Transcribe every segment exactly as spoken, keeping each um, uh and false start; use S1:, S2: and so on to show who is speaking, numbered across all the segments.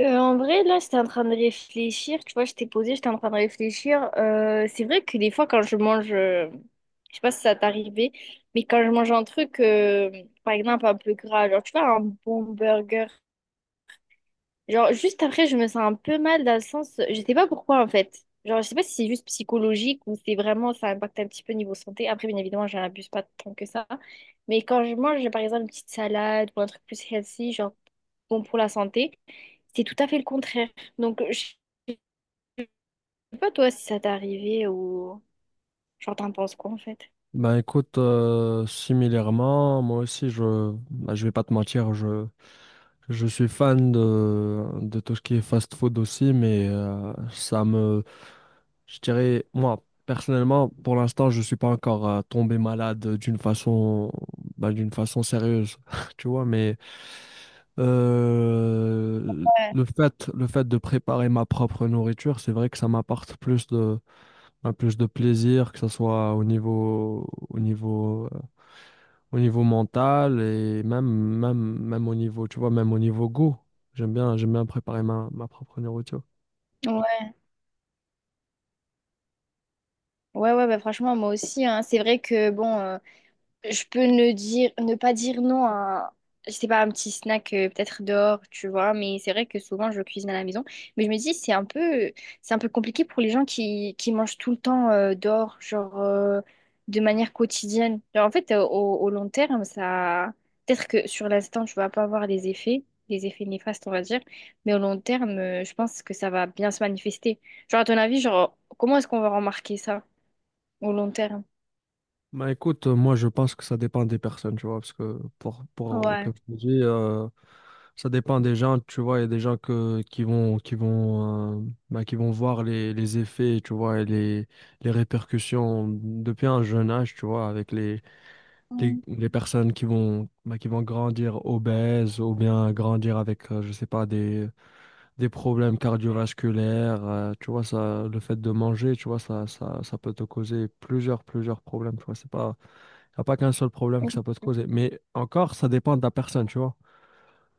S1: Euh, en vrai, là, j'étais en train de réfléchir. Tu vois, j'étais posée, j'étais en train de réfléchir. Euh, c'est vrai que des fois, quand je mange, euh, je sais pas si ça t'est arrivé, mais quand je mange un truc, euh, par exemple, un peu gras, genre, tu vois, un bon burger, genre, juste après, je me sens un peu mal dans le sens, je sais pas pourquoi, en fait. Genre, je sais pas si c'est juste psychologique ou c'est vraiment, ça impacte un petit peu niveau santé. Après, bien évidemment, j'en abuse pas tant que ça. Mais quand je mange, par exemple, une petite salade ou un truc plus healthy, genre, bon pour la santé, c'est tout à fait le contraire. Donc, je sais pas toi si ça t'est arrivé ou genre t'en penses quoi en fait?
S2: Ben écoute, euh, similairement, moi aussi, je, ben, je vais pas te mentir, je, je suis fan de, de tout ce qui est fast-food aussi, mais euh, ça me, je dirais, moi, personnellement, pour l'instant, je suis pas encore euh, tombé malade d'une façon, ben, d'une façon sérieuse, tu vois, mais euh, le fait, le fait de préparer ma propre nourriture, c'est vrai que ça m'apporte plus de, ben, plus de plaisir, que ce soit au niveau, au niveau au niveau mental et même, même, même au niveau, tu vois, même au niveau goût. J'aime bien, j'aime bien préparer ma, ma propre nourriture.
S1: Ouais, ouais, ouais, bah franchement, moi aussi, hein. C'est vrai que bon. euh, je peux ne dire, ne pas dire non à, un- je sais pas, un petit snack euh, peut-être dehors, tu vois. Mais c'est vrai que souvent je cuisine à la maison. Mais je me dis c'est un peu, c'est un peu compliqué pour les gens qui, qui mangent tout le temps euh, dehors, genre euh, de manière quotidienne. Genre, en fait, euh, au, au long terme, ça, peut-être que sur l'instant tu vas pas avoir les effets, les effets néfastes, on va dire. Mais au long terme, euh, je pense que ça va bien se manifester. Genre à ton avis, genre comment est-ce qu'on va remarquer ça au long terme?
S2: Bah écoute, euh, moi je pense que ça dépend des personnes, tu vois, parce que pour, pour
S1: Ouais.
S2: comme je te dis, euh, ça dépend des gens, tu vois. Il y a des gens que, qui vont, qui vont, euh, bah, qui vont voir les, les effets, tu vois, et les, les répercussions depuis un jeune âge, tu vois, avec les, les,
S1: Mm.
S2: les personnes qui vont, bah, qui vont grandir obèses ou bien grandir avec, euh, je sais pas, des des problèmes cardiovasculaires, euh, tu vois. Ça, le fait de manger, tu vois, ça, ça, ça peut te causer plusieurs, plusieurs problèmes, tu vois. C'est pas, Y a pas qu'un seul problème que ça peut te causer. Mais encore, ça dépend de la personne, tu vois.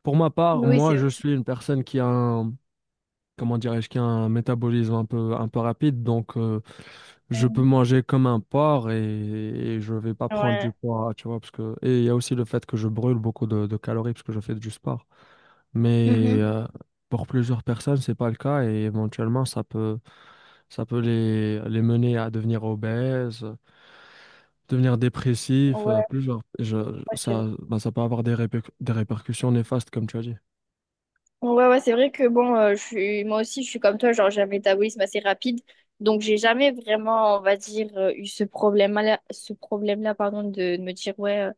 S2: Pour ma part,
S1: Oui, c'est.
S2: moi, je suis une personne qui a un, comment dirais-je, qui a un métabolisme un peu, un peu rapide, donc euh, je peux
S1: Mm.
S2: manger comme un porc et, et je vais pas prendre du
S1: Ouais.
S2: poids, tu vois, parce que, et il y a aussi le fait que je brûle beaucoup de, de calories parce que je fais du sport. Mais
S1: Mhm.
S2: euh, pour plusieurs personnes, c'est pas le cas et éventuellement, ça peut, ça peut les, les mener à devenir obèses, euh, devenir dépressifs, euh,
S1: Ouais,
S2: plusieurs. Je,
S1: ouais, c'est vrai.
S2: ça, bah, ça peut avoir des, répercu- des répercussions néfastes, comme tu as dit.
S1: Ouais, ouais, c'est vrai que bon, euh, je suis moi aussi, je suis comme toi, genre j'ai un métabolisme assez rapide, donc j'ai jamais vraiment, on va dire, euh, eu ce problème-là, ce problème-là, pardon, de, de me dire ouais, euh,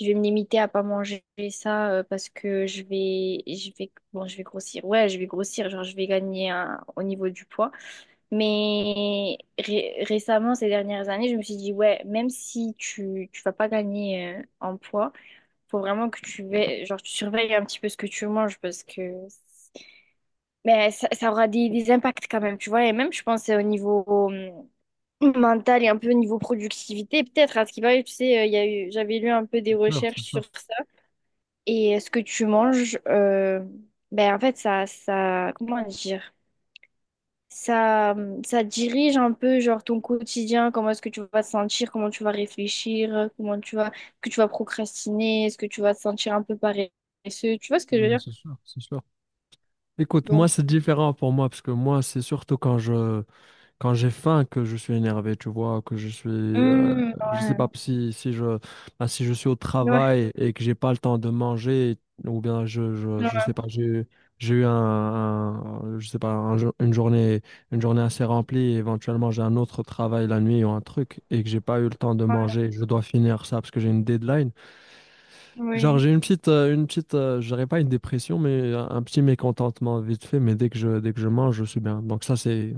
S1: je vais me limiter à pas manger ça euh, parce que je vais, je vais, bon, je vais grossir, ouais, je vais grossir, genre je vais gagner un- au niveau du poids, mais ré- récemment, ces dernières années, je me suis dit ouais, même si tu, tu vas pas gagner euh, en poids. Faut vraiment que tu veilles, genre, tu surveilles un petit peu ce que tu manges parce que mais ça, ça aura des, des impacts quand même, tu vois. Et même, je pense, euh, au niveau euh, mental et un peu au niveau productivité, peut-être. À ce qui va tu sais, euh, il y a eu, j'avais lu un peu
S2: C'est
S1: des
S2: sûr, c'est
S1: recherches
S2: sûr.
S1: sur ça. Et euh, ce que tu manges, euh, ben, en fait, ça, ça, comment dire? Ça, euh, ça dirige un peu genre ton quotidien, comment est-ce que tu vas te sentir, comment tu vas réfléchir, comment tu vas, est-ce que tu vas procrastiner, est-ce que tu vas te sentir un peu paresseux, tu vois ce que je veux
S2: Mais
S1: dire?
S2: c'est sûr, c'est sûr. Écoute, moi,
S1: Donc,
S2: c'est différent pour moi parce que moi, c'est surtout quand je, quand j'ai faim que je suis énervé, tu vois, que je suis, euh,
S1: hum,
S2: je sais
S1: ouais,
S2: pas si, si je, bah, si je suis au
S1: ouais,
S2: travail et que j'ai pas le temps de manger, ou bien je, je,
S1: ouais,
S2: je sais pas, j'ai, eu- j'ai eu un, un- je sais pas, un jour- une journée, une journée assez remplie, et éventuellement j'ai un autre travail la nuit ou un truc et que j'ai pas eu le temps de manger, je dois finir ça parce que j'ai une deadline. Genre
S1: oui.
S2: j'ai une petite, euh, une petite, euh, je dirais pas une dépression, mais un, un petit mécontentement vite fait, mais dès que je, dès que je mange, je suis bien. Donc ça c'est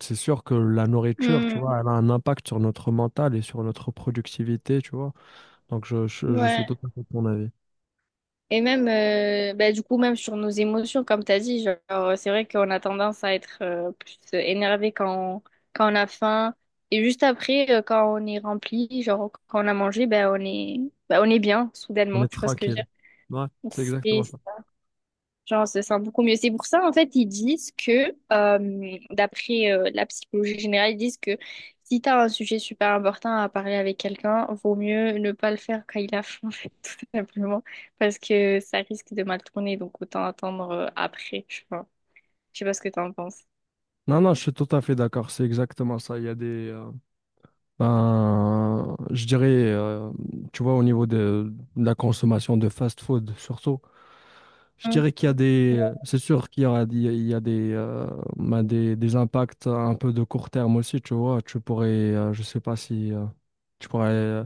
S2: c'est sûr que la nourriture, tu
S1: Hum,
S2: vois, elle a un impact sur notre mental et sur notre productivité, tu vois. Donc, je, je, je suis
S1: ouais.
S2: tout à fait de ton avis.
S1: Et même, euh, bah, du coup, même sur nos émotions, comme tu as dit, genre, c'est vrai qu'on a tendance à être euh, plus énervé quand on, quand on a faim. Et juste après, euh, quand on est rempli, genre, quand on a mangé, ben on est, bah, on est bien,
S2: On
S1: soudainement,
S2: est
S1: tu vois ce que je
S2: tranquille.
S1: veux
S2: Ouais, c'est exactement ça.
S1: dire? Genre, on se sent beaucoup mieux. C'est pour ça, en fait, ils disent que, euh, d'après euh, la psychologie générale, ils disent que si tu as un sujet super important à parler avec quelqu'un, vaut mieux ne pas le faire quand il a faim, en fait, tout simplement, parce que ça risque de mal tourner, donc autant attendre euh, après, je vois. Je sais pas ce que tu en penses.
S2: Non, non, je suis tout à fait d'accord. C'est exactement ça. Il y a des. Euh, ben, Je dirais, euh, tu vois, au niveau de, de la consommation de fast-food, surtout, je
S1: Mm.
S2: dirais qu'il y a des. C'est sûr qu'il y aura, il y a il y a des, euh, ben, des, des impacts un peu de court terme aussi, tu vois. Tu pourrais, euh, je sais pas si. Euh, tu pourrais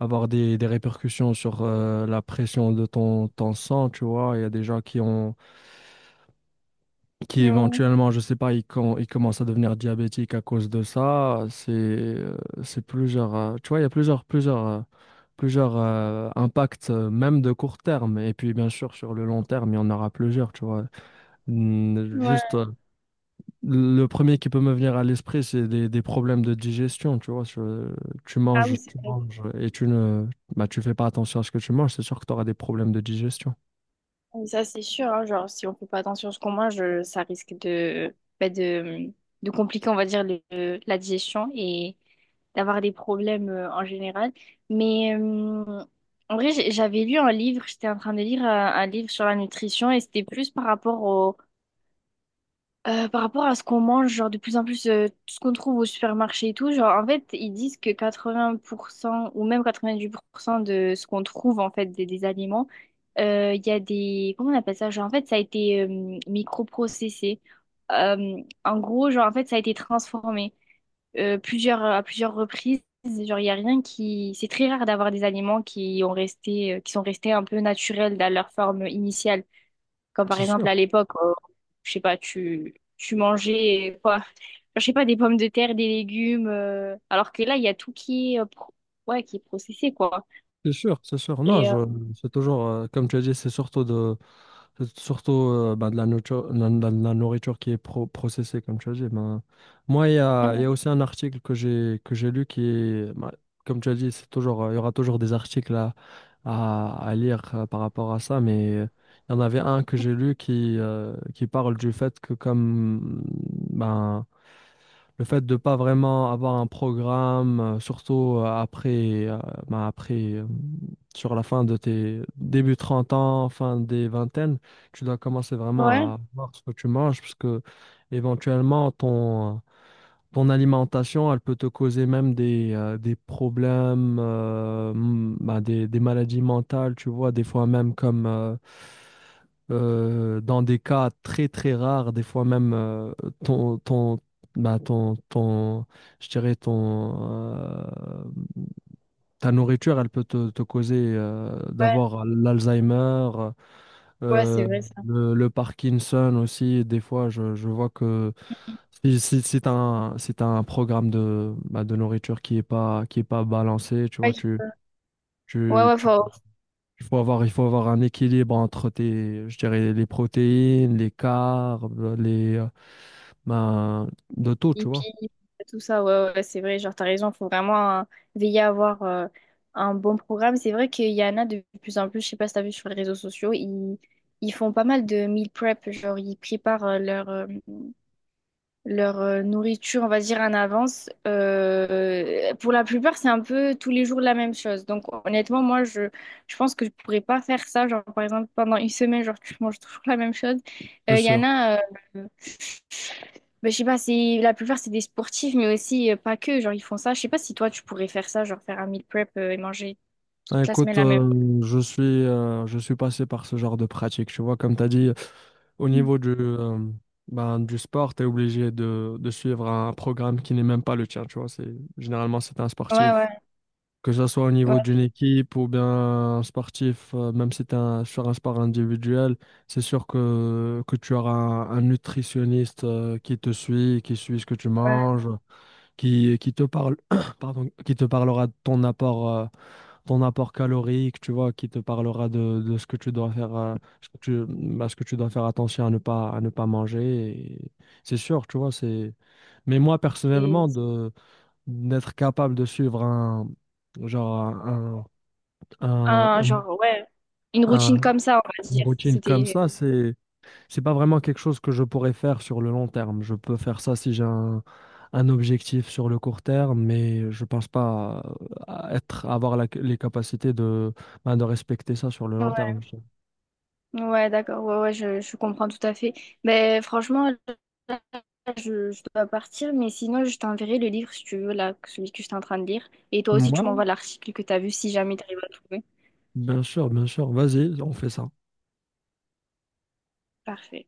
S2: avoir des, des répercussions sur euh, la pression de ton, ton sang, tu vois. Il y a des gens qui ont, qui
S1: Ouais.
S2: éventuellement, je sais pas, ils, com- ils commencent à devenir diabétiques à cause de ça. C'est, euh, c'est plusieurs, euh, tu vois, il y a plusieurs, plusieurs, euh, plusieurs euh, impacts, euh, même de court terme. Et puis, bien sûr, sur le long terme, il y en aura plusieurs, tu vois. Mm,
S1: Ouais.
S2: juste le premier qui peut me venir à l'esprit, c'est des, des problèmes de digestion, tu vois. Je- tu
S1: Ah
S2: manges,
S1: oui, c'est.
S2: tu manges et tu ne, bah, tu fais pas attention à ce que tu manges, c'est sûr que tu auras des problèmes de digestion.
S1: Et ça, c'est sûr, hein, genre, si on fait pas attention à ce qu'on mange, euh, ça risque de, bah, de, de compliquer, on va dire, le- la digestion et d'avoir des problèmes euh, en général. Mais euh, en vrai, j'ai- j'avais lu un livre, j'étais en train de lire un, un livre sur la nutrition et c'était plus par rapport au, euh, par rapport à ce qu'on mange, genre de plus en plus, euh, tout ce qu'on trouve au supermarché et tout, genre en fait, ils disent que quatre-vingts pour cent ou même quatre-vingt-dix-huit pour cent de ce qu'on trouve en fait des, des aliments, euh, il y a des, comment on appelle ça? Genre en fait, ça a été euh, microprocessé. Euh, En gros, genre en fait, ça a été transformé euh, plusieurs, à plusieurs reprises. Genre, il y a rien qui, c'est très rare d'avoir des aliments qui ont resté, euh, qui sont restés un peu naturels dans leur forme initiale. Comme par
S2: C'est
S1: exemple
S2: sûr,
S1: à l'époque, euh, je sais pas, tu, tu mangeais quoi? Je sais pas, des pommes de terre, des légumes. Euh, alors que là, il y a tout qui est, euh, pro- ouais, qui est processé, quoi.
S2: c'est sûr, c'est sûr. Non,
S1: Et, euh,
S2: je, c'est toujours, euh, comme tu as dit, c'est surtout de, Surtout euh, ben, de la nourriture, la, la- la nourriture qui est pro- processée, comme tu as dit. Ben, moi, il y a, il y a aussi un article que j'ai que j'ai lu qui est, ben, comme tu as dit, c'est toujours, euh, il y aura toujours des articles à, à, à lire euh, par rapport à ça, mais euh, il y en avait un que j'ai lu qui, euh, qui parle du fait que comme ben, le fait de pas vraiment avoir un programme, euh, surtout euh, après, euh, bah, après euh, sur la fin de tes début trente ans, fin des vingtaines, tu dois commencer
S1: ouais,
S2: vraiment à voir ce que tu manges parce que éventuellement ton, ton alimentation, elle peut te causer même des, euh, des problèmes, euh, m- bah, des, des maladies mentales, tu vois, des fois même comme euh, euh, dans des cas très très rares, des fois même euh, ton, ton, bah, ton, ton, je dirais ton, euh, ta nourriture, elle peut te, te causer euh,
S1: ouais,
S2: d'avoir l'Alzheimer,
S1: ouais, c'est
S2: euh,
S1: vrai ça.
S2: le, le Parkinson aussi, des fois, je, je vois que si, si, si t'as un, si t'as un programme de, bah, de nourriture qui est pas, qui est pas balancé, tu
S1: Ouais,
S2: vois, tu,
S1: ouais,
S2: tu,
S1: ouais,
S2: tu-
S1: faut
S2: il faut avoir, il faut avoir un équilibre entre tes, je dirais, les protéines, les carbs, les, euh, ben, de tout, tu vois,
S1: hippie, tout ça, ouais, ouais, c'est vrai, genre, t'as raison, faut vraiment euh, veiller à avoir euh, un bon programme. C'est vrai qu'il y en a de plus en plus, je sais pas si t'as vu sur les réseaux sociaux, ils, ils font pas mal de meal prep, genre, ils préparent euh, leur, euh, leur euh, nourriture, on va dire, en avance. Euh, pour la plupart, c'est un peu tous les jours la même chose. Donc, honnêtement, moi, je, je pense que je pourrais pas faire ça. Genre, par exemple, pendant une semaine, genre, tu manges toujours la même chose.
S2: c'est
S1: Euh, Il y en
S2: sûr.
S1: a, euh, ben, je sais pas, c'est, la plupart, c'est des sportifs, mais aussi euh, pas que. Genre, ils font ça. Je sais pas si toi, tu pourrais faire ça, genre, faire un meal prep euh, et manger
S2: Ben,
S1: toute la semaine
S2: écoute,
S1: la même.
S2: euh, je suis, euh, je suis passé par ce genre de pratique, tu vois, comme t'as dit. Au
S1: Mm.
S2: niveau du, euh, ben, du sport, tu es obligé de, de suivre un programme qui n'est même pas le tien, tu vois. C'est, généralement, c'est un
S1: Ouais,
S2: sportif.
S1: ouais,
S2: Que ce soit au niveau
S1: ouais,
S2: d'une équipe ou bien un sportif, euh, même si tu un, sur un sport individuel, c'est sûr que, que tu auras un, un nutritionniste euh, qui te suit, qui suit ce que tu
S1: ouais.
S2: manges, qui, qui te parle, pardon, qui te parlera de ton apport. Euh, ton apport calorique, tu vois, qui te parlera de, de ce que tu dois faire, euh, ce que tu, bah, ce que tu dois faire attention à ne pas, à ne pas manger. Et c'est sûr, tu vois, c'est... Mais moi,
S1: C'est
S2: personnellement,
S1: c'est
S2: de, d'être capable de suivre un, genre, un, un-
S1: un, genre, ouais, une
S2: un-
S1: routine
S2: un-
S1: comme ça, on va
S2: une
S1: dire.
S2: routine comme
S1: C'était.
S2: ça, c'est... C'est pas vraiment quelque chose que je pourrais faire sur le long terme. Je peux faire ça si j'ai un, un objectif sur le court terme, mais je pense pas à- à être, avoir la- les capacités de, ben, de respecter ça sur le long terme.
S1: Ouais, d'accord, ouais, ouais, je, je comprends tout à fait. Mais franchement, là, je, je dois partir, mais sinon, je t'enverrai le livre si tu veux, là, celui que j'étais en train de lire. Et toi aussi, tu
S2: Moi,
S1: m'envoies l'article que tu as vu si jamais tu arrives à le trouver.
S2: bien sûr, bien sûr. Vas-y, on fait ça.
S1: Parfait.